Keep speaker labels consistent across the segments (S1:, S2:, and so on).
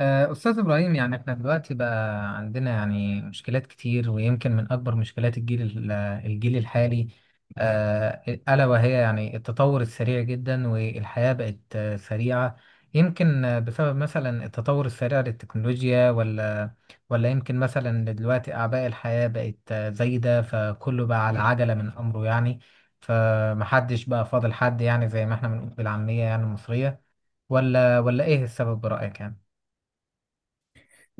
S1: أستاذ إبراهيم، يعني إحنا دلوقتي بقى عندنا يعني مشكلات كتير، ويمكن من أكبر مشكلات الجيل الحالي آه، ألا وهي يعني التطور السريع جدا، والحياة بقت سريعة. يمكن بسبب مثلا التطور السريع للتكنولوجيا، ولا يمكن مثلا دلوقتي أعباء الحياة بقت زايدة، فكله بقى على عجلة من أمره يعني. فمحدش بقى فاضل حد، يعني زي ما إحنا بنقول بالعامية يعني المصرية. ولا إيه السبب برأيك يعني؟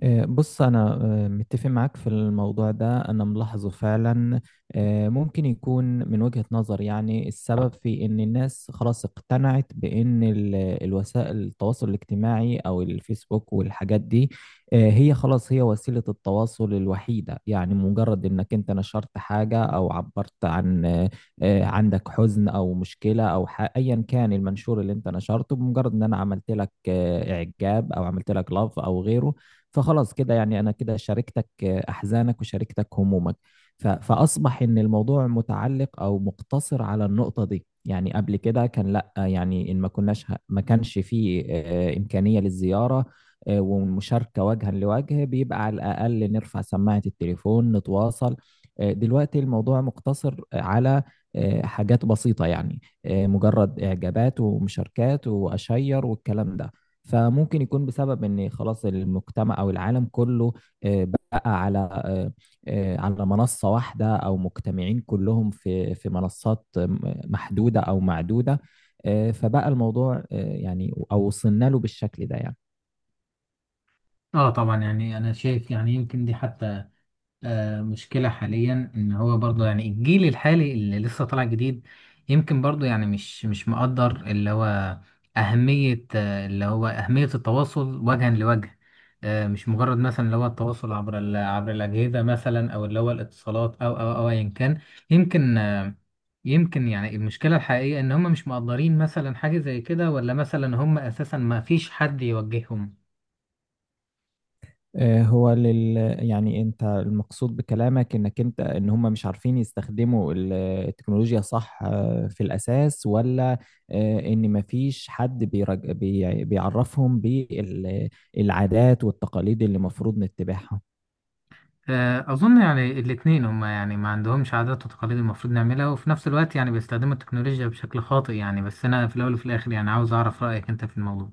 S2: إيه، بص أنا متفق معاك في الموضوع ده، أنا ملاحظه فعلا. ممكن يكون من وجهة نظر، يعني السبب في إن الناس خلاص اقتنعت بإن الوسائل التواصل الاجتماعي أو الفيسبوك والحاجات دي هي خلاص، هي وسيلة التواصل الوحيدة، يعني مجرد إنك أنت نشرت حاجة أو عبرت عن عندك حزن أو مشكلة أو أيا كان المنشور اللي أنت نشرته، بمجرد إن أنا عملت لك إعجاب أو عملت لك لاف أو غيره، فخلاص كده يعني انا كده شاركتك احزانك وشاركتك همومك. فاصبح ان الموضوع متعلق او مقتصر على النقطة دي. يعني قبل كده كان لا، يعني ان ما كانش فيه امكانية للزيارة والمشاركة وجها لوجه، بيبقى على الاقل نرفع سماعة التليفون نتواصل. دلوقتي الموضوع مقتصر على حاجات بسيطة، يعني مجرد إعجابات ومشاركات وأشير والكلام ده. فممكن يكون بسبب ان خلاص المجتمع او العالم كله بقى على على منصة واحدة او مجتمعين كلهم في منصات محدودة او معدودة. فبقى الموضوع، يعني او وصلنا له بالشكل ده يعني.
S1: اه، طبعا يعني انا شايف يعني يمكن دي حتى مشكلة حاليا، ان هو برضه يعني الجيل الحالي اللي لسه طالع جديد يمكن برضه يعني مش مقدر اللي هو اهمية، اللي هو اهمية التواصل وجها لوجه. مش مجرد مثلا اللي هو التواصل عبر عبر الاجهزة، مثلا او اللي هو الاتصالات او ايا كان. يمكن آه يمكن يعني المشكلة الحقيقية ان هم مش مقدرين مثلا حاجة زي كده، ولا مثلا هم اساسا ما فيش حد يوجههم.
S2: آه، هو لل يعني انت المقصود بكلامك انك انت ان هم مش عارفين يستخدموا التكنولوجيا، صح؟ في الاساس، ولا ان مفيش حد بيعرفهم بالعادات والتقاليد اللي المفروض نتبعها.
S1: أظن يعني الاتنين، هما يعني ما عندهمش عادات وتقاليد المفروض نعملها، وفي نفس الوقت يعني بيستخدموا التكنولوجيا بشكل خاطئ يعني. بس أنا في الأول وفي الآخر يعني عاوز أعرف رأيك أنت في الموضوع.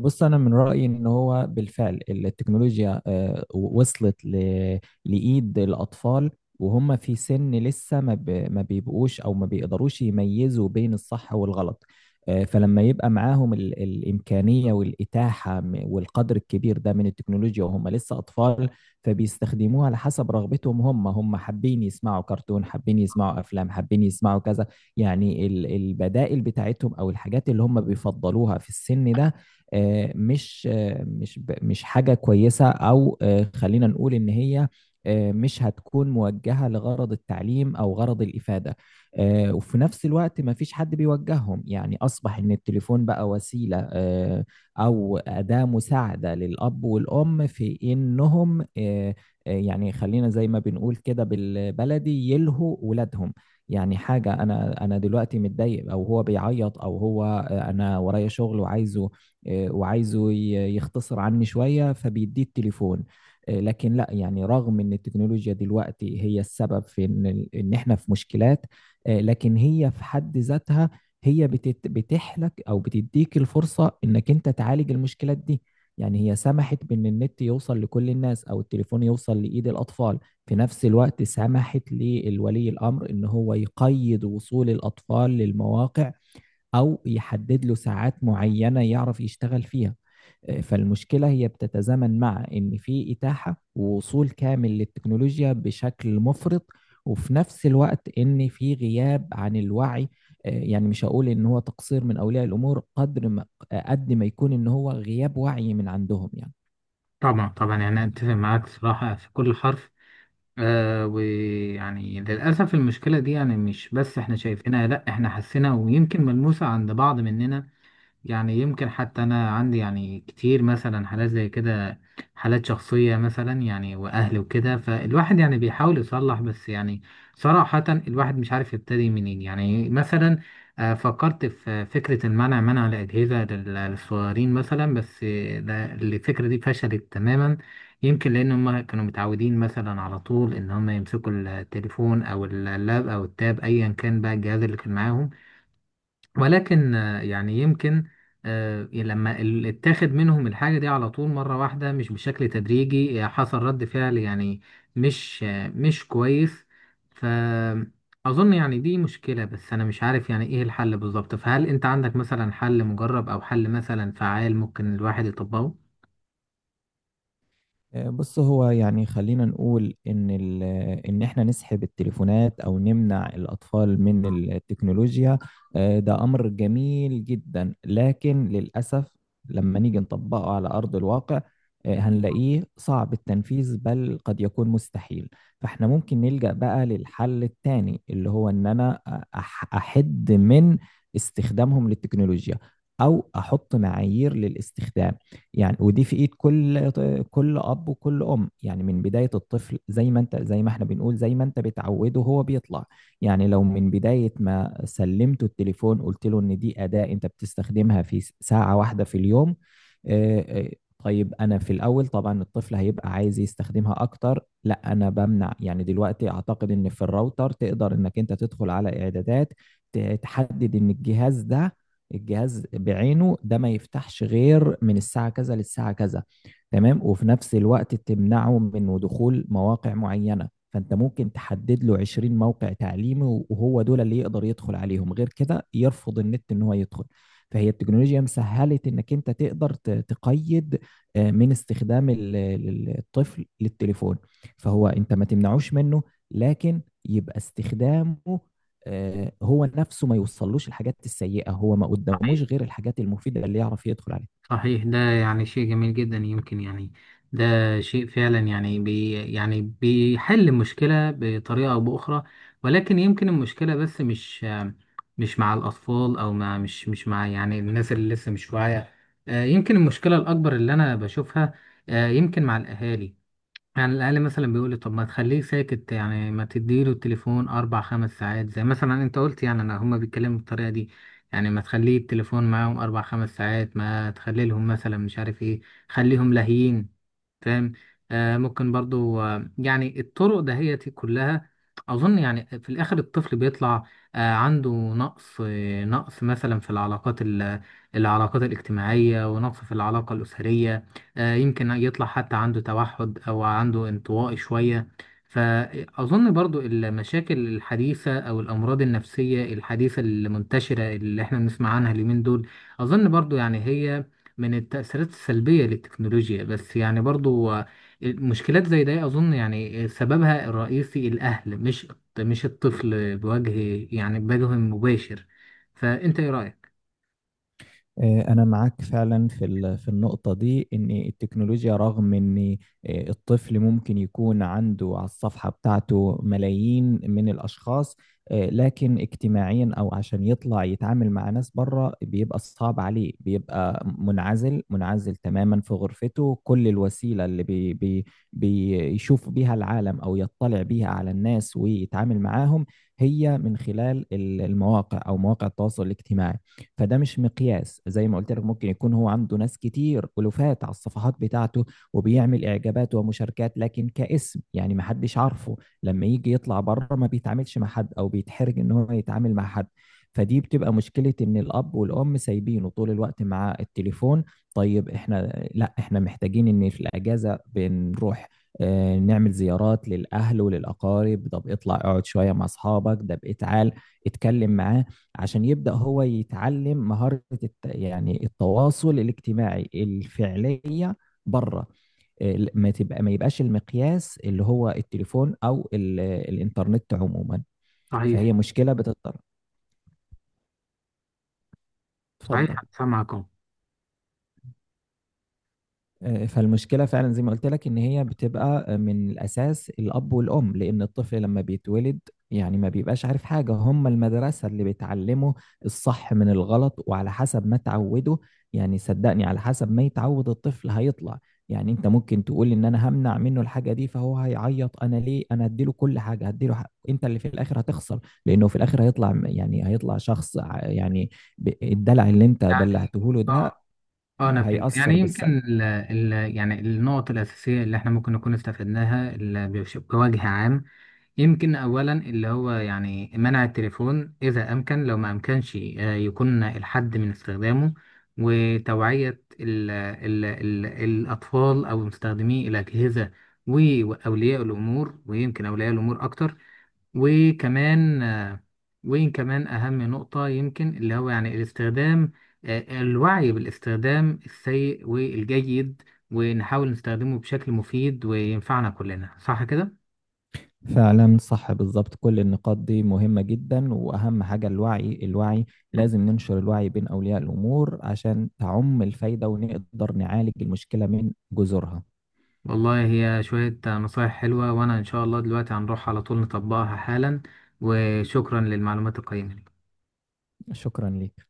S2: بص انا من رايي ان هو بالفعل التكنولوجيا وصلت لايد الاطفال، وهم في سن لسه ما بيبقوش او ما بيقدروش يميزوا بين الصح والغلط. فلما يبقى معاهم الامكانيه والاتاحه والقدر الكبير ده من التكنولوجيا وهم لسه اطفال، فبيستخدموها على حسب رغبتهم. هم هم حابين يسمعوا كرتون، حابين يسمعوا افلام، حابين يسمعوا كذا. يعني البدائل بتاعتهم او الحاجات اللي هم بيفضلوها في السن ده مش حاجة كويسة، أو خلينا نقول إن هي مش هتكون موجهة لغرض التعليم أو غرض الإفادة. وفي نفس الوقت ما فيش حد بيوجههم، يعني أصبح إن التليفون بقى وسيلة أو أداة مساعدة للأب والأم في إنهم يعني خلينا زي ما بنقول كده بالبلدي يلهوا ولادهم. يعني حاجة أنا دلوقتي متضايق، أو هو بيعيط، أو هو أنا ورايا شغل وعايزه، وعايزه يختصر عني شوية، فبيديه التليفون. لكن لا، يعني رغم ان التكنولوجيا دلوقتي هي السبب في ان ان احنا في مشكلات، لكن هي في حد ذاتها هي بتحلك او بتديك الفرصة انك انت تعالج المشكلات دي. يعني هي سمحت بان النت يوصل لكل الناس او التليفون يوصل لايد الاطفال، في نفس الوقت سمحت للولي الامر ان هو يقيد وصول الاطفال للمواقع أو يحدد له ساعات معينة يعرف يشتغل فيها. فالمشكلة هي بتتزامن مع إن في إتاحة ووصول كامل للتكنولوجيا بشكل مفرط، وفي نفس الوقت إن في غياب عن الوعي. يعني مش هقول إن هو تقصير من أولياء الأمور، قدر ما قد ما يكون إن هو غياب وعي من عندهم يعني.
S1: طبعا طبعا، يعني أتفق معاك صراحة في كل حرف. ويعني للأسف المشكلة دي يعني مش بس إحنا شايفينها، لأ، إحنا حاسينها، ويمكن ملموسة عند بعض مننا. يعني يمكن حتى أنا عندي يعني كتير مثلا حالات زي كده، حالات شخصية مثلا يعني وأهل وكده، فالواحد يعني بيحاول يصلح، بس يعني صراحة الواحد مش عارف يبتدي منين يعني. مثلا فكرت في فكرة المنع، منع الأجهزة للصغيرين مثلا، بس الفكرة دي فشلت تماما. يمكن لأن هم كانوا متعودين مثلا على طول إن هم يمسكوا التليفون أو اللاب أو التاب، أيا كان بقى الجهاز اللي كان معاهم. ولكن آه، يعني يمكن آه، إيه، لما اتاخد منهم الحاجة دي على طول مرة واحدة، مش بشكل تدريجي، حصل رد فعل يعني مش كويس. فأظن يعني دي مشكلة، بس أنا مش عارف يعني إيه الحل بالظبط. فهل أنت عندك مثلا حل مجرب أو حل مثلا فعال ممكن الواحد يطبقه؟
S2: بص هو يعني خلينا نقول ان ان احنا نسحب التليفونات او نمنع الاطفال من التكنولوجيا، ده امر جميل جدا، لكن للاسف لما نيجي نطبقه على ارض الواقع هنلاقيه صعب التنفيذ بل قد يكون مستحيل. فاحنا ممكن نلجأ بقى للحل التاني اللي هو ان انا احد من استخدامهم للتكنولوجيا، او احط معايير للاستخدام. يعني ودي في ايد كل اب وكل ام، يعني من بدايه الطفل زي ما انت، زي ما احنا بنقول، زي ما انت بتعوده هو بيطلع. يعني لو من بدايه ما سلمته التليفون قلت له ان دي اداه انت بتستخدمها في ساعه واحده في اليوم. آه، آه، طيب انا في الاول طبعا الطفل هيبقى عايز يستخدمها اكتر، لا انا بمنع. يعني دلوقتي اعتقد ان في الراوتر تقدر انك انت تدخل على اعدادات تحدد ان الجهاز بعينه ده ما يفتحش غير من الساعة كذا للساعة كذا، تمام. وفي نفس الوقت تمنعه من دخول مواقع معينة، فأنت ممكن تحدد له 20 موقع تعليمي، وهو دول اللي يقدر يدخل عليهم، غير كده يرفض النت إن هو يدخل. فهي التكنولوجيا مسهلت إنك أنت تقدر تقيد من استخدام الطفل للتليفون. فهو أنت ما تمنعوش منه، لكن يبقى استخدامه هو نفسه ما يوصلوش الحاجات السيئة، هو ما قداموش غير الحاجات المفيدة اللي يعرف يدخل عليها.
S1: صحيح، ده يعني شيء جميل جدا. يمكن يعني ده شيء فعلا يعني بي يعني بيحل مشكلة بطريقة أو بأخرى. ولكن يمكن المشكلة بس مش مع الأطفال، أو مع مش مع يعني الناس اللي لسه مش واعية. يمكن المشكلة الأكبر اللي أنا بشوفها يمكن مع الأهالي. على الأقل مثلا بيقول لي، طب ما تخليه ساكت يعني، ما تديله التليفون أربع خمس ساعات، زي مثلا أنت قلت يعني. أنا هما بيتكلموا بالطريقة دي يعني، ما تخليه التليفون معاهم أربع خمس ساعات، ما تخلي لهم مثلا مش عارف إيه، خليهم لاهيين، فاهم. ممكن برضو يعني الطرق دهيتي كلها، اظن يعني في الاخر الطفل بيطلع عنده نقص، نقص مثلا في العلاقات الاجتماعية، ونقص في العلاقة الأسرية. يمكن يطلع حتى عنده توحد، او عنده انطوائي شوية. فأظن برضو المشاكل الحديثة أو الأمراض النفسية الحديثة المنتشرة اللي احنا بنسمع عنها اليومين دول، أظن برضو يعني هي من التأثيرات السلبية للتكنولوجيا. بس يعني برضو المشكلات زي ده أظن يعني سببها الرئيسي الأهل، مش مش الطفل بوجه يعني بوجه مباشر. فأنت إيه رأيك؟
S2: أنا معاك فعلا في في النقطة دي، إن التكنولوجيا رغم إن الطفل ممكن يكون عنده على الصفحة بتاعته ملايين من الأشخاص، لكن اجتماعيا أو عشان يطلع يتعامل مع ناس بره بيبقى صعب عليه، بيبقى منعزل تماما في غرفته. كل الوسيلة اللي بي بي بيشوف بيها العالم أو يطلع بيها على الناس ويتعامل معاهم هي من خلال المواقع أو مواقع التواصل الاجتماعي. فده مش مقياس، زي ما قلت لك ممكن يكون هو عنده ناس كتير، ألوفات على الصفحات بتاعته وبيعمل إعجابات ومشاركات، لكن كاسم يعني ما حدش عارفه. لما يجي يطلع بره ما بيتعاملش مع حد، أو بيتحرج إن هو يتعامل مع حد. فدي بتبقى مشكلة إن الأب والأم سايبينه طول الوقت مع التليفون. طيب إحنا لا، إحنا محتاجين إن في الأجازة بنروح نعمل زيارات للأهل وللأقارب، طب اطلع اقعد شوية مع أصحابك، ده بقيت تعال اتكلم معاه، عشان يبدأ هو يتعلم مهارة يعني التواصل الاجتماعي الفعلية بره. ما يبقاش المقياس اللي هو التليفون أو ال... الإنترنت عموما.
S1: صحيح.
S2: فهي مشكلة بتضطر، اتفضل.
S1: صحيح، سامعكم.
S2: فالمشكلة فعلا زي ما قلت لك إن هي بتبقى من الأساس الأب والأم، لأن الطفل لما بيتولد يعني ما بيبقاش عارف حاجة، هم المدرسة اللي بتعلمه الصح من الغلط، وعلى حسب ما تعوده. يعني صدقني على حسب ما يتعود الطفل هيطلع. يعني أنت ممكن تقول إن أنا همنع منه الحاجة دي فهو هيعيط، أنا ليه، أنا هديله كل حاجة، هديله حق. أنت اللي في الآخر هتخسر، لأنه في الآخر هيطلع يعني هيطلع شخص يعني الدلع اللي أنت
S1: يعني
S2: دلعته له ده
S1: اه، اه، انا فهمت
S2: هيأثر
S1: يعني.
S2: بالسلب.
S1: يمكن ال ال يعني النقط الاساسيه اللي احنا ممكن نكون استفدناها بوجه عام، يمكن أولا اللي هو يعني منع التليفون إذا أمكن، لو ما أمكنش يكون الحد من استخدامه، وتوعية ال ال ال الأطفال أو مستخدمي الأجهزة وأولياء الأمور، ويمكن أولياء الأمور أكتر. وكمان آه، وين كمان أهم نقطة يمكن اللي هو يعني الاستخدام، الوعي بالاستخدام السيء والجيد، ونحاول نستخدمه بشكل مفيد وينفعنا كلنا، صح كده؟
S2: فعلا صح بالظبط، كل النقاط دي مهمة جدا، وأهم حاجة الوعي، الوعي لازم ننشر الوعي بين أولياء الأمور عشان تعم الفايدة ونقدر نعالج المشكلة من جذورها.
S1: والله هي شوية نصايح حلوة، وأنا إن شاء الله دلوقتي هنروح على طول نطبقها حالا. وشكرا للمعلومات القيمة دي.
S2: شكرا ليك.